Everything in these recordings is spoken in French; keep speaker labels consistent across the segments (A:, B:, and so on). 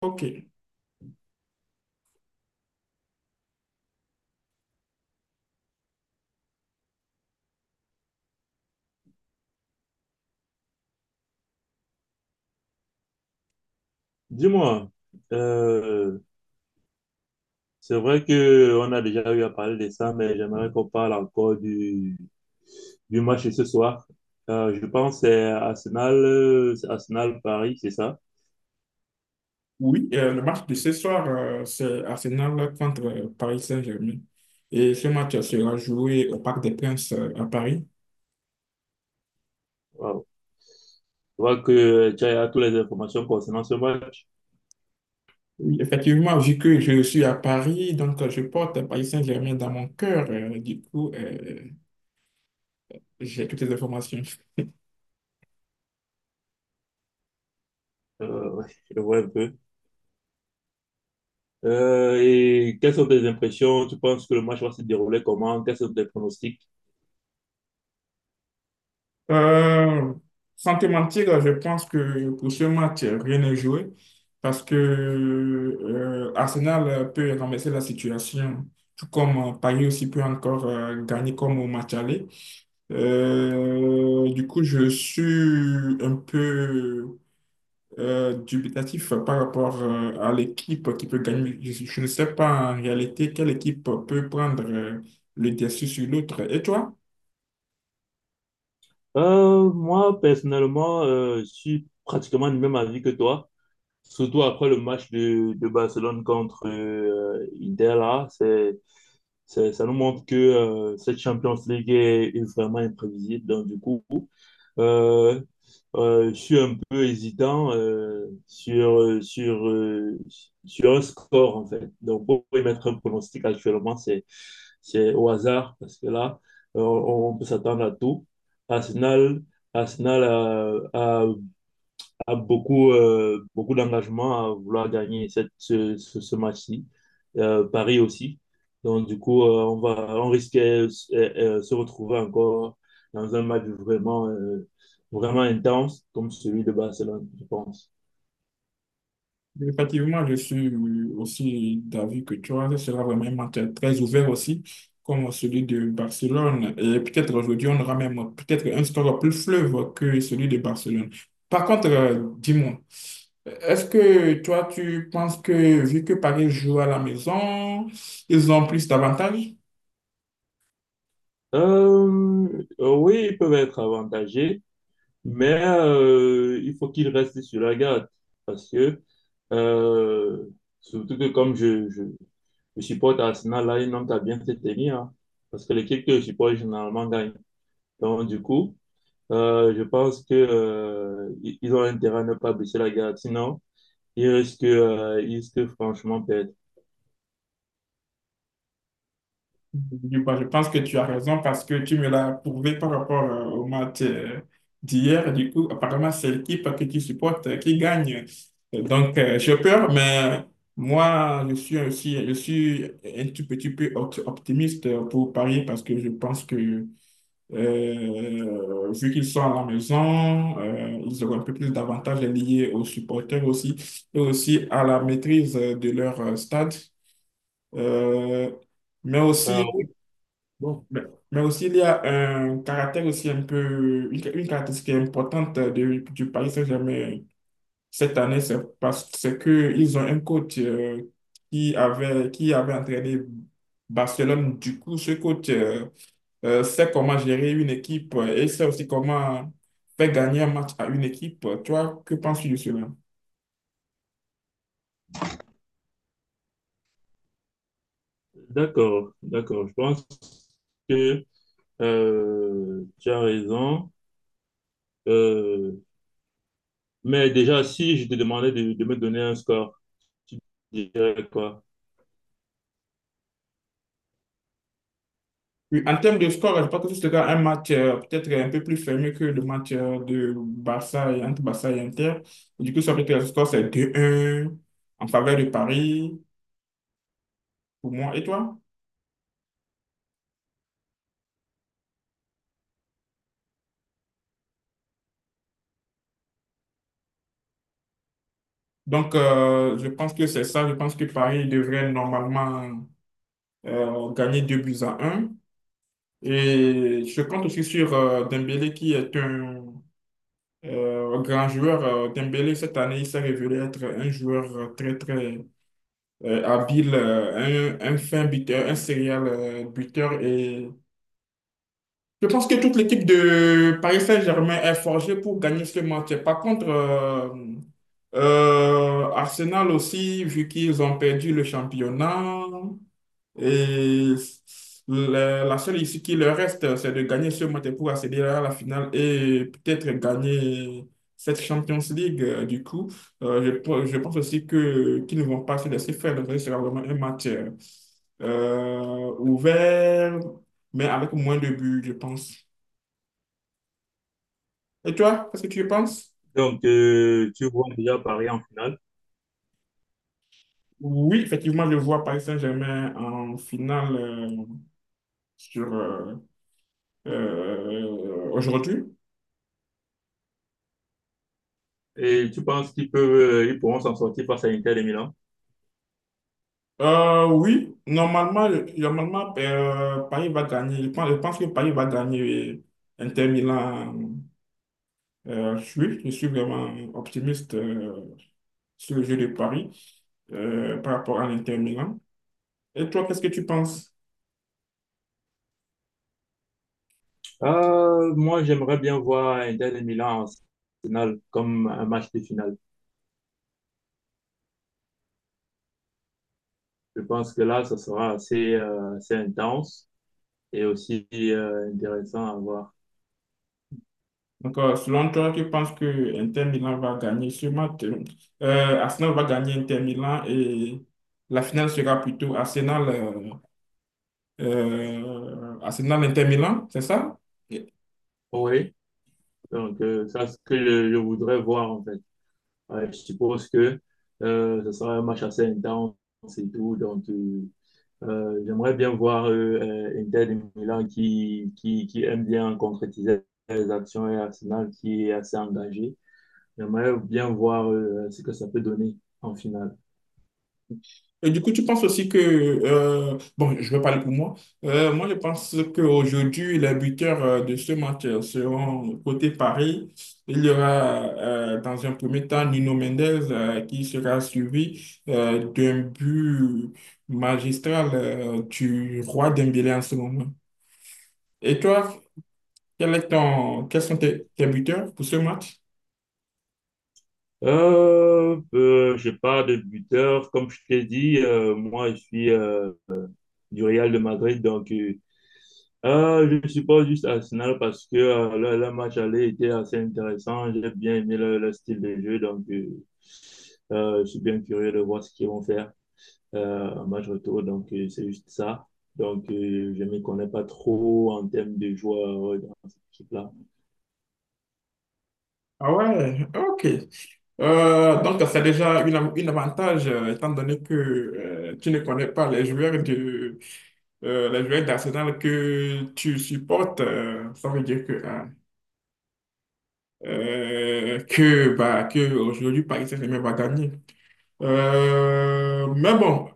A: Ok.
B: Dis-moi, euh, c'est vrai que on a déjà eu à parler de ça, mais j'aimerais qu'on parle encore du match de ce soir. Je pense que c'est Arsenal Paris, c'est ça?
A: Oui, le match de ce soir, c'est Arsenal contre Paris Saint-Germain. Et ce match sera joué au Parc des Princes à Paris.
B: Wow. Je vois que tu as toutes les informations concernant ce match.
A: Oui, effectivement, vu que je suis à Paris, donc je porte Paris Saint-Germain dans mon cœur. Du coup, j'ai toutes les informations.
B: Ouais, je vois un peu. Et quelles sont tes impressions? Tu penses que le match va se dérouler comment? Quels sont tes pronostics?
A: Euh, Sans te mentir, je pense que pour ce match, rien n'est joué parce que Arsenal peut renverser la situation, tout comme Paris aussi peut encore gagner comme au match aller. Du coup, je suis un peu dubitatif par rapport à l'équipe qui peut gagner. Je ne sais pas en réalité quelle équipe peut prendre le dessus sur l'autre. Et toi?
B: Moi, personnellement, je suis pratiquement du même avis que toi, surtout après le match de Barcelone contre Inter, là. Ça nous montre que cette Champions League est vraiment imprévisible. Donc, du coup, euh, je suis un peu hésitant sur un score, en fait. Donc, pour émettre un pronostic actuellement, c'est au hasard, parce que là, on peut s'attendre à tout. Arsenal, Arsenal a a beaucoup, beaucoup d'engagement à vouloir gagner ce match-ci. Paris aussi. Donc, du coup, on risque de se retrouver encore dans un match vraiment intense, comme celui de Barcelone, je pense.
A: Effectivement, je suis aussi d'avis que toi, ce sera vraiment un match très ouvert aussi, comme celui de Barcelone. Et peut-être aujourd'hui, on aura même peut-être un score plus fleuve que celui de Barcelone. Par contre, dis-moi, est-ce que toi, tu penses que vu que Paris joue à la maison, ils ont plus d'avantages?
B: Euh, oui, ils peuvent être avantagés. Mais il faut qu'il reste sur la garde parce que, euh, surtout que comme je supporte Arsenal, là, un homme qui a bien se tenir, hein, parce que l'équipe que je supporte généralement gagne. Donc, du coup, je pense que ils ont intérêt à ne pas baisser la garde, sinon, ils risquent franchement perdre.
A: Du coup, je pense que tu as raison parce que tu me l'as prouvé par rapport au match d'hier. Du coup, apparemment, c'est l'équipe que tu supportes qui gagne. Donc, j'ai peur, mais moi, je suis aussi, je suis un tout petit peu optimiste pour Paris parce que je pense que, vu qu'ils sont à la maison, ils auront un peu plus d'avantages liés aux supporters aussi et aussi à la maîtrise de leur stade. Euh, mais
B: Ah
A: aussi,
B: oui, bon,
A: mais, mais aussi, il y a un caractère aussi un peu, une caractéristique importante du Paris Saint-Germain cette année, c'est que ils ont un coach qui avait entraîné Barcelone. Du coup, ce coach sait comment gérer une équipe et sait aussi comment faire gagner un match à une équipe. Toi, que penses-tu de cela?
B: d'accord, d'accord. Je pense que tu as raison. Euh, Mais déjà, si je te demandais de me donner un score, tu dirais quoi?
A: Oui, en termes de score, je pense que ce sera un match peut-être un peu plus fermé que le match de Barça et entre Barça et Inter. Du coup, ça peut être le score, c'est 2-1 en faveur de Paris, pour moi et toi. Donc, je pense que c'est ça. Je pense que Paris devrait normalement gagner 2 buts à 1. Et je compte aussi sur Dembélé qui est un grand joueur. Dembélé, cette année, il s'est révélé être un joueur très, très, un fin buteur, un serial buteur. Et je pense que toute l'équipe de Paris Saint-Germain est forgée pour gagner ce match. Par contre, Arsenal aussi, vu qu'ils ont perdu le championnat. Et la seule issue qui leur reste, c'est de gagner ce match pour accéder à la finale et peut-être gagner cette Champions League. Euh, je, je pense aussi que qu'ils ne vont pas se laisser faire. Donc, ce sera vraiment un match ouvert, mais avec moins de buts, je pense. Et toi, qu'est-ce que tu penses?
B: Donc, tu vois déjà Paris en finale
A: Oui, effectivement, je vois Paris Saint-Germain en finale sur aujourd'hui.
B: et tu penses qu'ils peuvent, ils pourront s'en sortir face à Inter de Milan?
A: Oui, normalement, normalement Paris va gagner. Je pense que Paris va gagner, oui. Inter Milan. Je suis vraiment optimiste sur le jeu de Paris par rapport à l'Inter Milan. Et toi, qu'est-ce que tu penses?
B: Moi, j'aimerais bien voir Inter de Milan en finale comme un match de finale. Je pense que là, ça sera assez intense et aussi intéressant à voir.
A: Donc, selon toi, tu penses que Inter Milan va gagner sûrement Arsenal va gagner Inter Milan et la finale sera plutôt Arsenal, Arsenal Inter Milan, c'est ça? Et-
B: Oui, donc ça, c'est ce que je voudrais voir en fait. Ouais, je suppose que ce sera un match assez intense et tout, donc j'aimerais bien voir Inter de Milan qui aime bien concrétiser les actions et Arsenal qui est assez engagé. J'aimerais bien voir ce que ça peut donner en finale.
A: Et du coup, tu penses aussi que, bon, je vais parler pour moi. Moi, je pense qu'aujourd'hui, les buteurs de ce match seront côté Paris. Il y aura dans un premier temps Nuno Mendes qui sera suivi d'un but magistral du roi Dembélé en ce moment. Et toi? Quel est quels sont tes, tes buteurs pour ce match?
B: Je parle de buteur. Comme je t'ai dit, moi, je suis du Real de Madrid. Donc, je supporte juste Arsenal parce que le match aller était assez intéressant. J'ai bien aimé le style de jeu. Donc, je suis bien curieux de voir ce qu'ils vont faire. En match retour, donc c'est juste ça. Donc, je ne me connais pas trop en termes de joueurs dans cette équipe-là.
A: Ah ouais, ok. Donc, c'est déjà une avantage, étant donné que tu ne connais pas les joueurs de, les joueurs d'Arsenal que tu supportes. Ça veut dire que ah, bah, que aujourd'hui Paris Saint-Germain va gagner. Mais bon,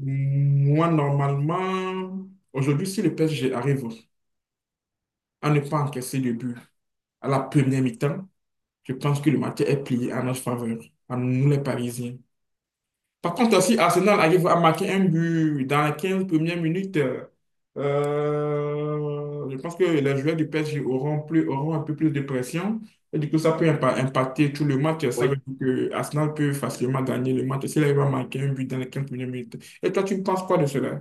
A: moi, normalement, aujourd'hui, si le PSG arrive à ne pas encaisser de but à la première mi-temps, je pense que le match est plié en notre faveur, à nous les Parisiens. Par contre, si Arsenal arrive à marquer un but dans les 15 premières minutes, je pense que les joueurs du PSG auront un peu plus de pression. Et du coup, ça peut impacter tout le match. Ça veut
B: Oui.
A: dire que Arsenal peut facilement gagner le match s'il arrive à marquer un but dans les 15 premières minutes. Et toi, tu penses quoi de cela?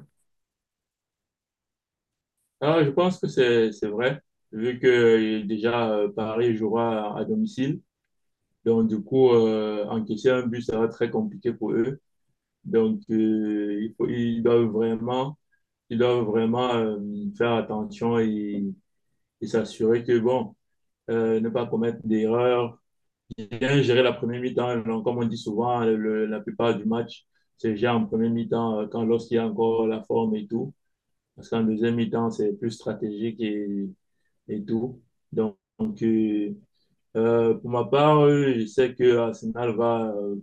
B: Ah, je pense que c'est vrai, vu que déjà Paris jouera à domicile. Donc, du coup, encaisser un but, ça va être très compliqué pour eux. Donc, ils doivent ils doivent vraiment faire attention et s'assurer que, bon, ne pas commettre d'erreurs, bien géré la première mi-temps. Comme on dit souvent, la plupart du match c'est gère en première mi-temps quand lorsqu'il y a encore la forme et tout. Parce qu'en deuxième mi-temps, c'est plus stratégique et tout. Donc, euh, pour ma part, je sais que Arsenal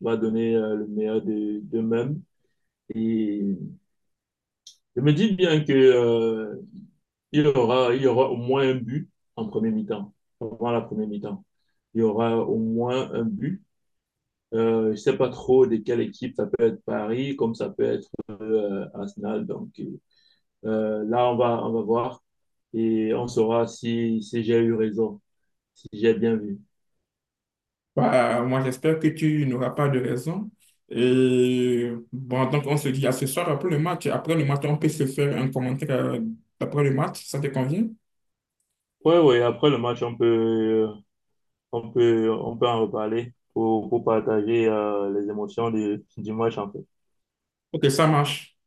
B: va donner le meilleur d'eux-mêmes. Et je me dis bien que il y aura au moins un but en première mi-temps, avant la première mi-temps. Il y aura au moins un but. Je ne sais pas trop de quelle équipe, ça peut être Paris comme ça peut être Arsenal. Donc là, on va voir et on saura si, si j'ai eu raison, si j'ai bien vu.
A: Bah, moi, j'espère que tu n'auras pas de raison. Et bon, donc, on se dit à ce soir après le match. Après le match, on peut se faire un commentaire après le match. Ça te convient?
B: Ouais, ouais, après le match, on peut, on peut en reparler pour partager les émotions du match en fait.
A: Ok, ça marche.